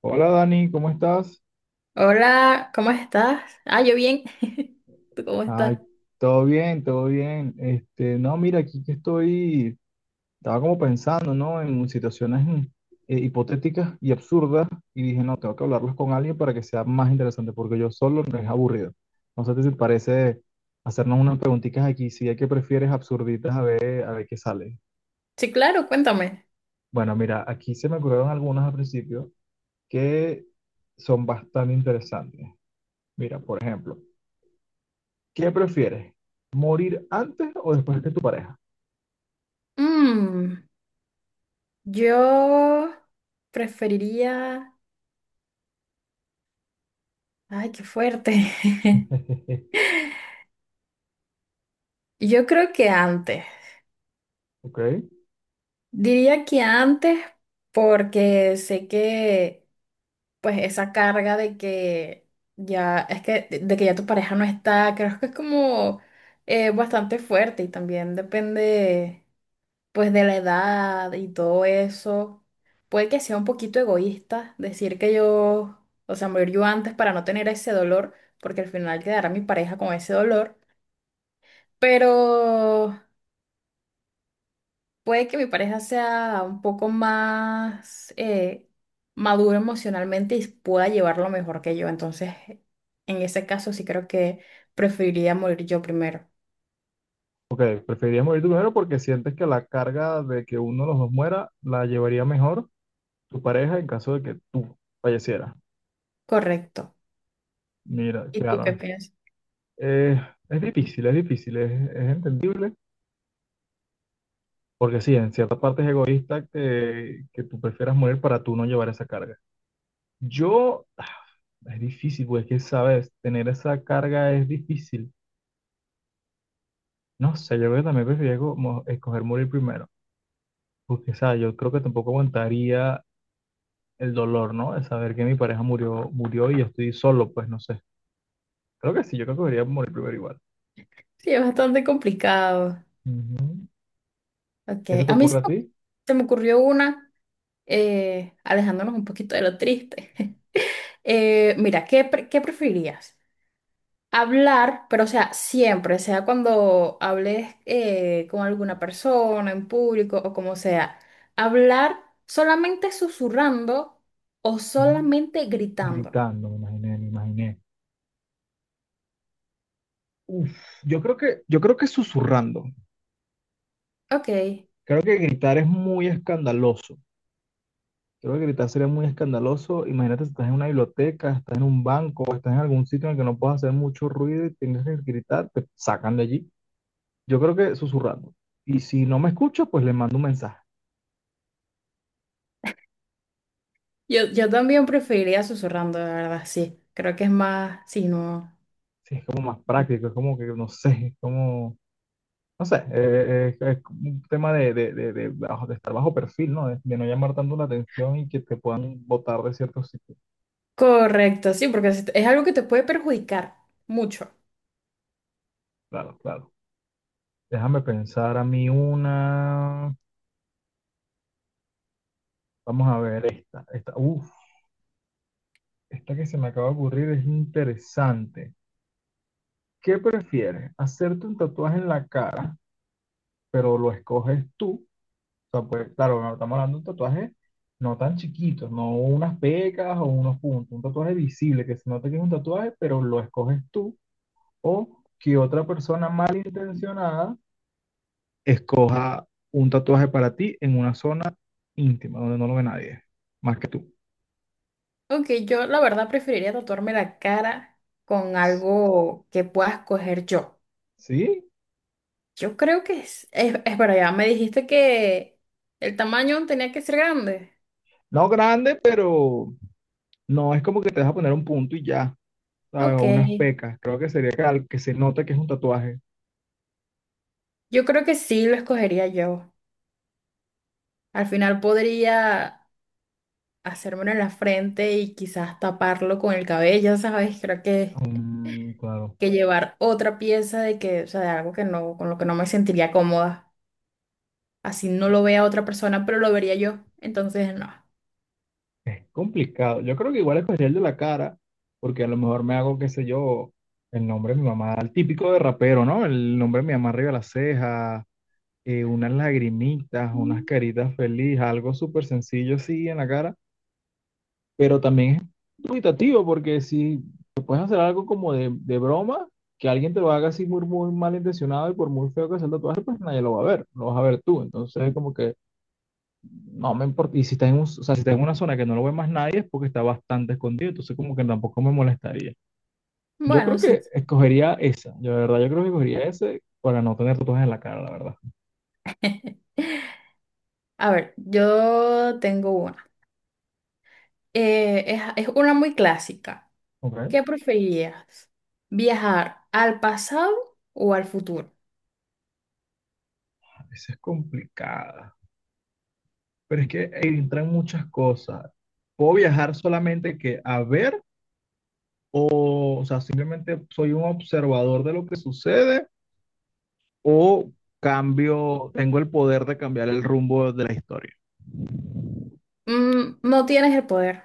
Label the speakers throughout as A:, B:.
A: Hola Dani, ¿cómo estás?
B: Hola, ¿cómo estás? Yo bien. ¿Tú cómo estás?
A: Ay, todo bien, todo bien. Este, no, mira, aquí que estoy, estaba como pensando, ¿no? En situaciones hipotéticas y absurdas y dije, no, tengo que hablarlos con alguien para que sea más interesante, porque yo solo no es aburrido. No sé si te parece hacernos unas preguntitas aquí, si hay que prefieres absurditas, a ver qué sale.
B: Sí, claro, cuéntame.
A: Bueno, mira, aquí se me ocurrieron algunas al principio que son bastante interesantes. Mira, por ejemplo. ¿Qué prefieres? ¿Morir antes o después que tu pareja?
B: Mm, yo preferiría... Ay, qué fuerte. Yo creo que antes.
A: Ok,
B: Diría que antes porque sé que, pues, esa carga de que ya es que de que ya tu pareja no está, creo que es como bastante fuerte, y también depende, pues, de la edad y todo eso. Puede que sea un poquito egoísta decir que yo, o sea, morir yo antes para no tener ese dolor, porque al final quedará mi pareja con ese dolor. Pero puede que mi pareja sea un poco más maduro emocionalmente y pueda llevarlo mejor que yo, entonces en ese caso sí creo que preferiría morir yo primero.
A: ok, preferirías morir tú primero porque sientes que la carga de que uno de los dos muera la llevaría mejor tu pareja en caso de que tú fallecieras.
B: Correcto.
A: Mira,
B: ¿Y tú qué
A: claro,
B: piensas?
A: eh, es difícil, es difícil, es entendible, porque sí, en cierta parte es egoísta que tú prefieras morir para tú no llevar esa carga. Yo, ah, es difícil, pues es que, sabes, tener esa carga es difícil. No sé, yo creo que también preferiría como escoger morir primero, porque, o sea, yo creo que tampoco aguantaría el dolor, ¿no? De saber que mi pareja murió, murió y yo estoy solo, pues no sé. Creo que sí, yo creo que debería morir primero igual.
B: Sí, es bastante complicado.
A: Ujú.
B: Ok,
A: ¿Qué se te
B: a mí
A: ocurre a ti?
B: se me ocurrió una, alejándonos un poquito de lo triste. Mira, ¿ qué preferirías? Hablar, pero, o sea, siempre, sea cuando hables con alguna persona, en público o como sea, hablar solamente susurrando o
A: Mm,
B: solamente gritando.
A: Gritando, me imaginé, me imaginé. Uf, yo creo que susurrando.
B: Ok,
A: Creo que gritar es muy escandaloso. Creo que gritar sería muy escandaloso. Imagínate si estás en una biblioteca, estás en un banco, estás en algún sitio en el que no puedes hacer mucho ruido y tienes que gritar, te sacan de allí. Yo creo que susurrando. Y si no me escucho, pues le mando un mensaje.
B: yo también preferiría susurrando, la verdad, sí. Creo que es más, sí, no.
A: Sí, es como más práctico, es como que no sé, es como, no sé, es un tema de estar bajo perfil, ¿no? De no llamar tanto la atención y que te puedan botar de ciertos sitios.
B: Correcto, sí, porque es algo que te puede perjudicar mucho.
A: Claro, claro. Déjame pensar a mí una. Vamos a ver esta. Esta que se me acaba de ocurrir es interesante. ¿Qué prefieres? ¿Hacerte un tatuaje en la cara, pero lo escoges tú? O sea, pues, claro, no estamos hablando de un tatuaje no tan chiquito, no unas pecas o unos puntos, un tatuaje visible que se nota que es un tatuaje, pero lo escoges tú o que otra persona malintencionada escoja un tatuaje para ti en una zona íntima donde no lo ve nadie, más que tú.
B: Ok, yo la verdad preferiría tatuarme la cara con algo que pueda escoger yo.
A: Sí,
B: Yo creo que es verdad, ya me dijiste que el tamaño tenía que ser grande.
A: no grande, pero no es como que te vas a poner un punto y ya, ¿sabes?
B: Ok,
A: O unas pecas. Creo que sería que, al- que se nota que es un tatuaje.
B: yo creo que sí lo escogería yo. Al final podría hacérmelo en la frente y quizás taparlo con el cabello, ¿sabes? Creo
A: Mm, claro.
B: que llevar otra pieza de que, o sea, de algo que no, con lo que no me sentiría cómoda. Así no lo vea otra persona, pero lo vería yo. Entonces,
A: Es complicado. Yo creo que igual escogería el de la cara, porque a lo mejor me hago, qué sé yo, el nombre de mi mamá, el típico de rapero, ¿no? El nombre de mi mamá arriba de la ceja, unas lagrimitas,
B: no.
A: unas caritas felices, algo súper sencillo así en la cara, pero también es dubitativo, porque si te puedes hacer algo como de broma, que alguien te lo haga así muy, muy malintencionado y por muy feo que sea el tatuaje, pues nadie lo va a ver, lo vas a ver tú. Entonces, como que no me importa. Y si está en un- o sea, si está en una zona que no lo ve más nadie, es porque está bastante escondido. Entonces, como que tampoco me molestaría. Yo creo
B: Bueno, sí,
A: que
B: sí.
A: escogería esa. Yo, de verdad, yo creo que escogería ese para no tener tatuajes en la cara, la verdad.
B: A ver, yo tengo una. Es una muy clásica.
A: Ok. A
B: ¿Qué preferirías? ¿Viajar al pasado o al futuro?
A: veces es complicada. Pero es que entran muchas cosas. ¿Puedo viajar solamente que a ver? O sea, simplemente soy un observador de lo que sucede. O cambio, tengo el poder de cambiar el rumbo de la historia.
B: No tienes el poder,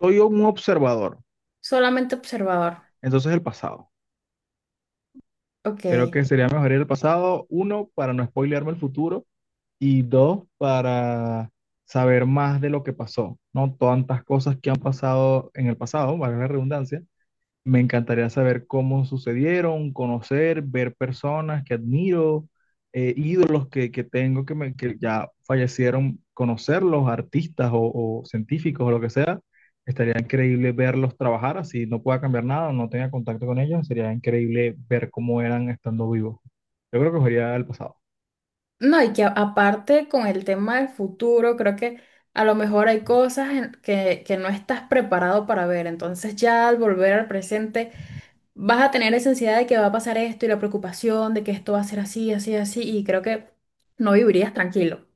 A: Soy un observador.
B: solamente observador.
A: Entonces el pasado.
B: Ok.
A: Creo que sería mejor ir al pasado, uno, para no spoilearme el futuro y dos, para saber más de lo que pasó, ¿no? Tantas cosas que han pasado en el pasado, valga la redundancia, me encantaría saber cómo sucedieron, conocer, ver personas que admiro, ídolos que tengo que ya fallecieron, conocerlos, artistas o científicos o lo que sea. Estaría increíble verlos trabajar, así no pueda cambiar nada, no tenga contacto con ellos, sería increíble ver cómo eran estando vivos. Yo creo que sería el pasado.
B: No, y que aparte con el tema del futuro, creo que a lo mejor hay cosas que no estás preparado para ver. Entonces ya al volver al presente, vas a tener esa ansiedad de que va a pasar esto y la preocupación de que esto va a ser así, así, así, y creo que no vivirías tranquilo.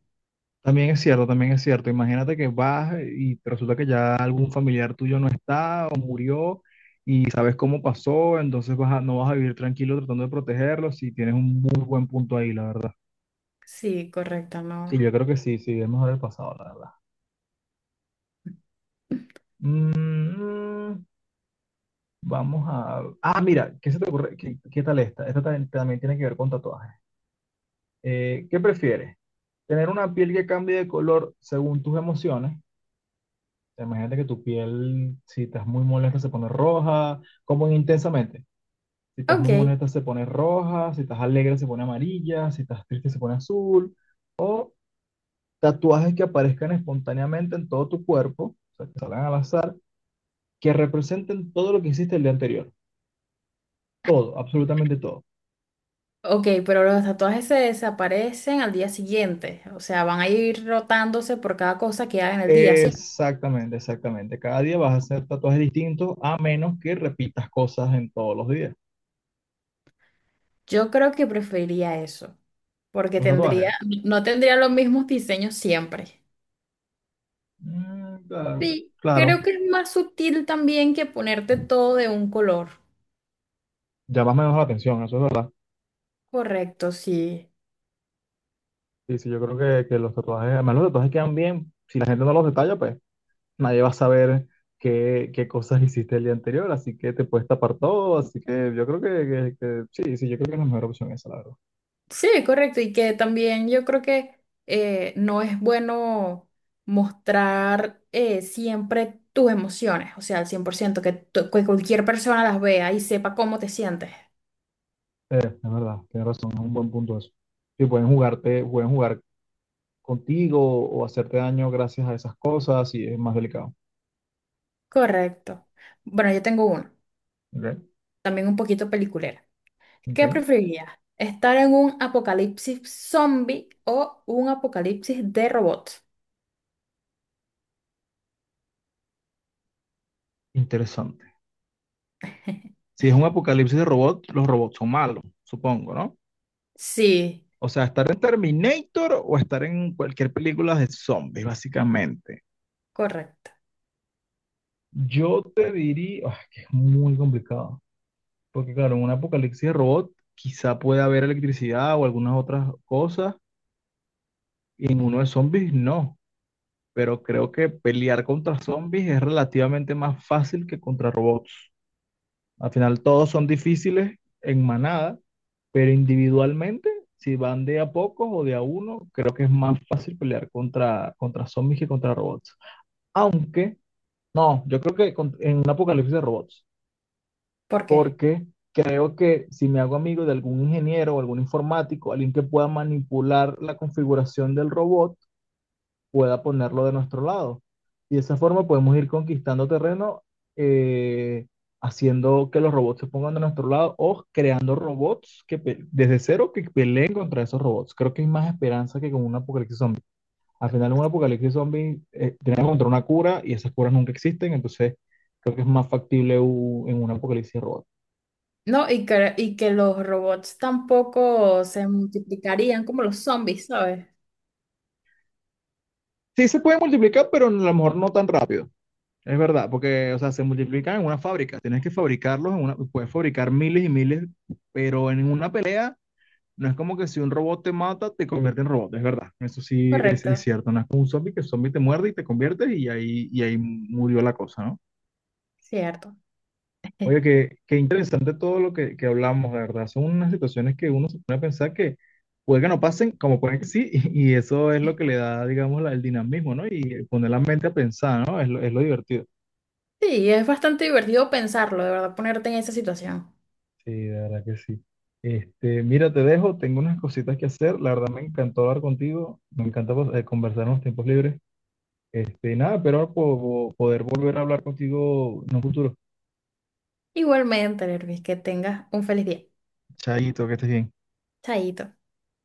A: También es cierto, también es cierto. Imagínate que vas y te resulta que ya algún familiar tuyo no está o murió y sabes cómo pasó, entonces vas a- no vas a vivir tranquilo tratando de protegerlos si tienes un muy buen punto ahí, la verdad.
B: Sí, correcto,
A: Sí, yo
B: no.
A: creo que sí, sí, es mejor el pasado, la verdad. Mm, Ah, mira, ¿qué se te ocurre? ¿Qué tal esta? Esta también, también tiene que ver con tatuajes. ¿Qué prefieres? ¿Tener una piel que cambie de color según tus emociones? Imagínate que tu piel, si estás muy molesta, se pone roja, como en intensamente. Si estás muy
B: Ok,
A: molesta, se pone roja, si estás alegre, se pone amarilla, si estás triste, se pone azul. O tatuajes que aparezcan espontáneamente en todo tu cuerpo, o sea, que salgan al azar, que representen todo lo que hiciste el día anterior. Todo, absolutamente todo.
B: ok, pero los tatuajes se desaparecen al día siguiente, o sea, van a ir rotándose por cada cosa que hagan el día, ¿sí?
A: Exactamente, exactamente. Cada día vas a hacer tatuajes distintos, a menos que repitas cosas en todos los días.
B: Yo creo que preferiría eso, porque
A: Los tatuajes.
B: no tendría los mismos diseños siempre.
A: Mm, claro,
B: Sí,
A: claro.
B: creo que es más sutil también que ponerte todo de un color.
A: Llamas menos la atención, eso es verdad.
B: Correcto, sí.
A: Sí, sí, yo creo que los tatuajes, además los tatuajes quedan bien. Si la gente no los detalla, pues nadie va a saber qué, qué cosas hiciste el día anterior, así que te puedes tapar todo, así que yo creo sí, sí, yo creo que es la mejor opción esa, la verdad.
B: Sí, correcto. Y que también yo creo que no es bueno mostrar siempre tus emociones, o sea, al 100%, que, que cualquier persona las vea y sepa cómo te sientes.
A: Es verdad, tienes razón, es un buen punto eso. Sí, pueden jugarte, pueden jugar contigo o hacerte daño gracias a esas cosas y es más delicado.
B: Correcto. Bueno, yo tengo uno,
A: Ok,
B: también un poquito peliculera. ¿Qué
A: ok.
B: preferirías? ¿Estar en un apocalipsis zombie o un apocalipsis de robots?
A: Interesante. Si es un apocalipsis de robot, los robots son malos, supongo, ¿no?
B: Sí,
A: O sea, estar en Terminator o estar en cualquier película de zombies, básicamente.
B: correcto.
A: Yo te diría, que es muy complicado, porque claro, en un apocalipsis de robot quizá puede haber electricidad o algunas otras cosas, y en uno de zombies no, pero creo que pelear contra zombies es relativamente más fácil que contra robots. Al final todos son difíciles en manada, pero individualmente, si van de a pocos o de a uno, creo que es más fácil pelear contra zombies que contra robots. Aunque, no, yo creo que en un apocalipsis de robots,
B: ¿Por qué?
A: porque creo que si me hago amigo de algún ingeniero o algún informático, alguien que pueda manipular la configuración del robot, pueda ponerlo de nuestro lado. Y de esa forma podemos ir conquistando terreno, eh, haciendo que los robots se pongan de nuestro lado o creando robots que desde cero que peleen contra esos robots. Creo que hay más esperanza que con un apocalipsis zombie. Al final, en un apocalipsis zombie, tenemos que encontrar una cura y esas curas nunca existen, entonces creo que es más factible en un apocalipsis robot.
B: No, y que los robots tampoco se multiplicarían como los zombies, ¿sabes?
A: Sí, se puede multiplicar, pero a lo mejor no tan rápido. Es verdad, porque, o sea, se multiplican en una fábrica. Tienes que fabricarlos, en una, puedes fabricar miles y miles, pero en una pelea no es como que si un robot te mata, te convierte en robot. Es verdad, eso sí es
B: Correcto,
A: cierto. No es como un zombie que el zombie te muerde y te conviertes y ahí murió la cosa, ¿no?
B: cierto.
A: Oye, qué interesante todo lo que hablamos, de verdad. Son unas situaciones que uno se pone a pensar que puede que no pasen, como pueden que sí, y eso es lo que le da, digamos, el dinamismo, ¿no? Y poner la mente a pensar, ¿no? Es lo divertido.
B: Sí, es bastante divertido pensarlo, de verdad, ponerte en esa situación.
A: Sí, de verdad que sí. Este, mira, te dejo, tengo unas cositas que hacer. La verdad me encantó hablar contigo, me encanta pues, conversar en los tiempos libres. Este, nada, pero poder volver a hablar contigo en un futuro.
B: Igualmente, Lervis, que tengas un feliz día.
A: Chaito, que estés bien.
B: Chaito.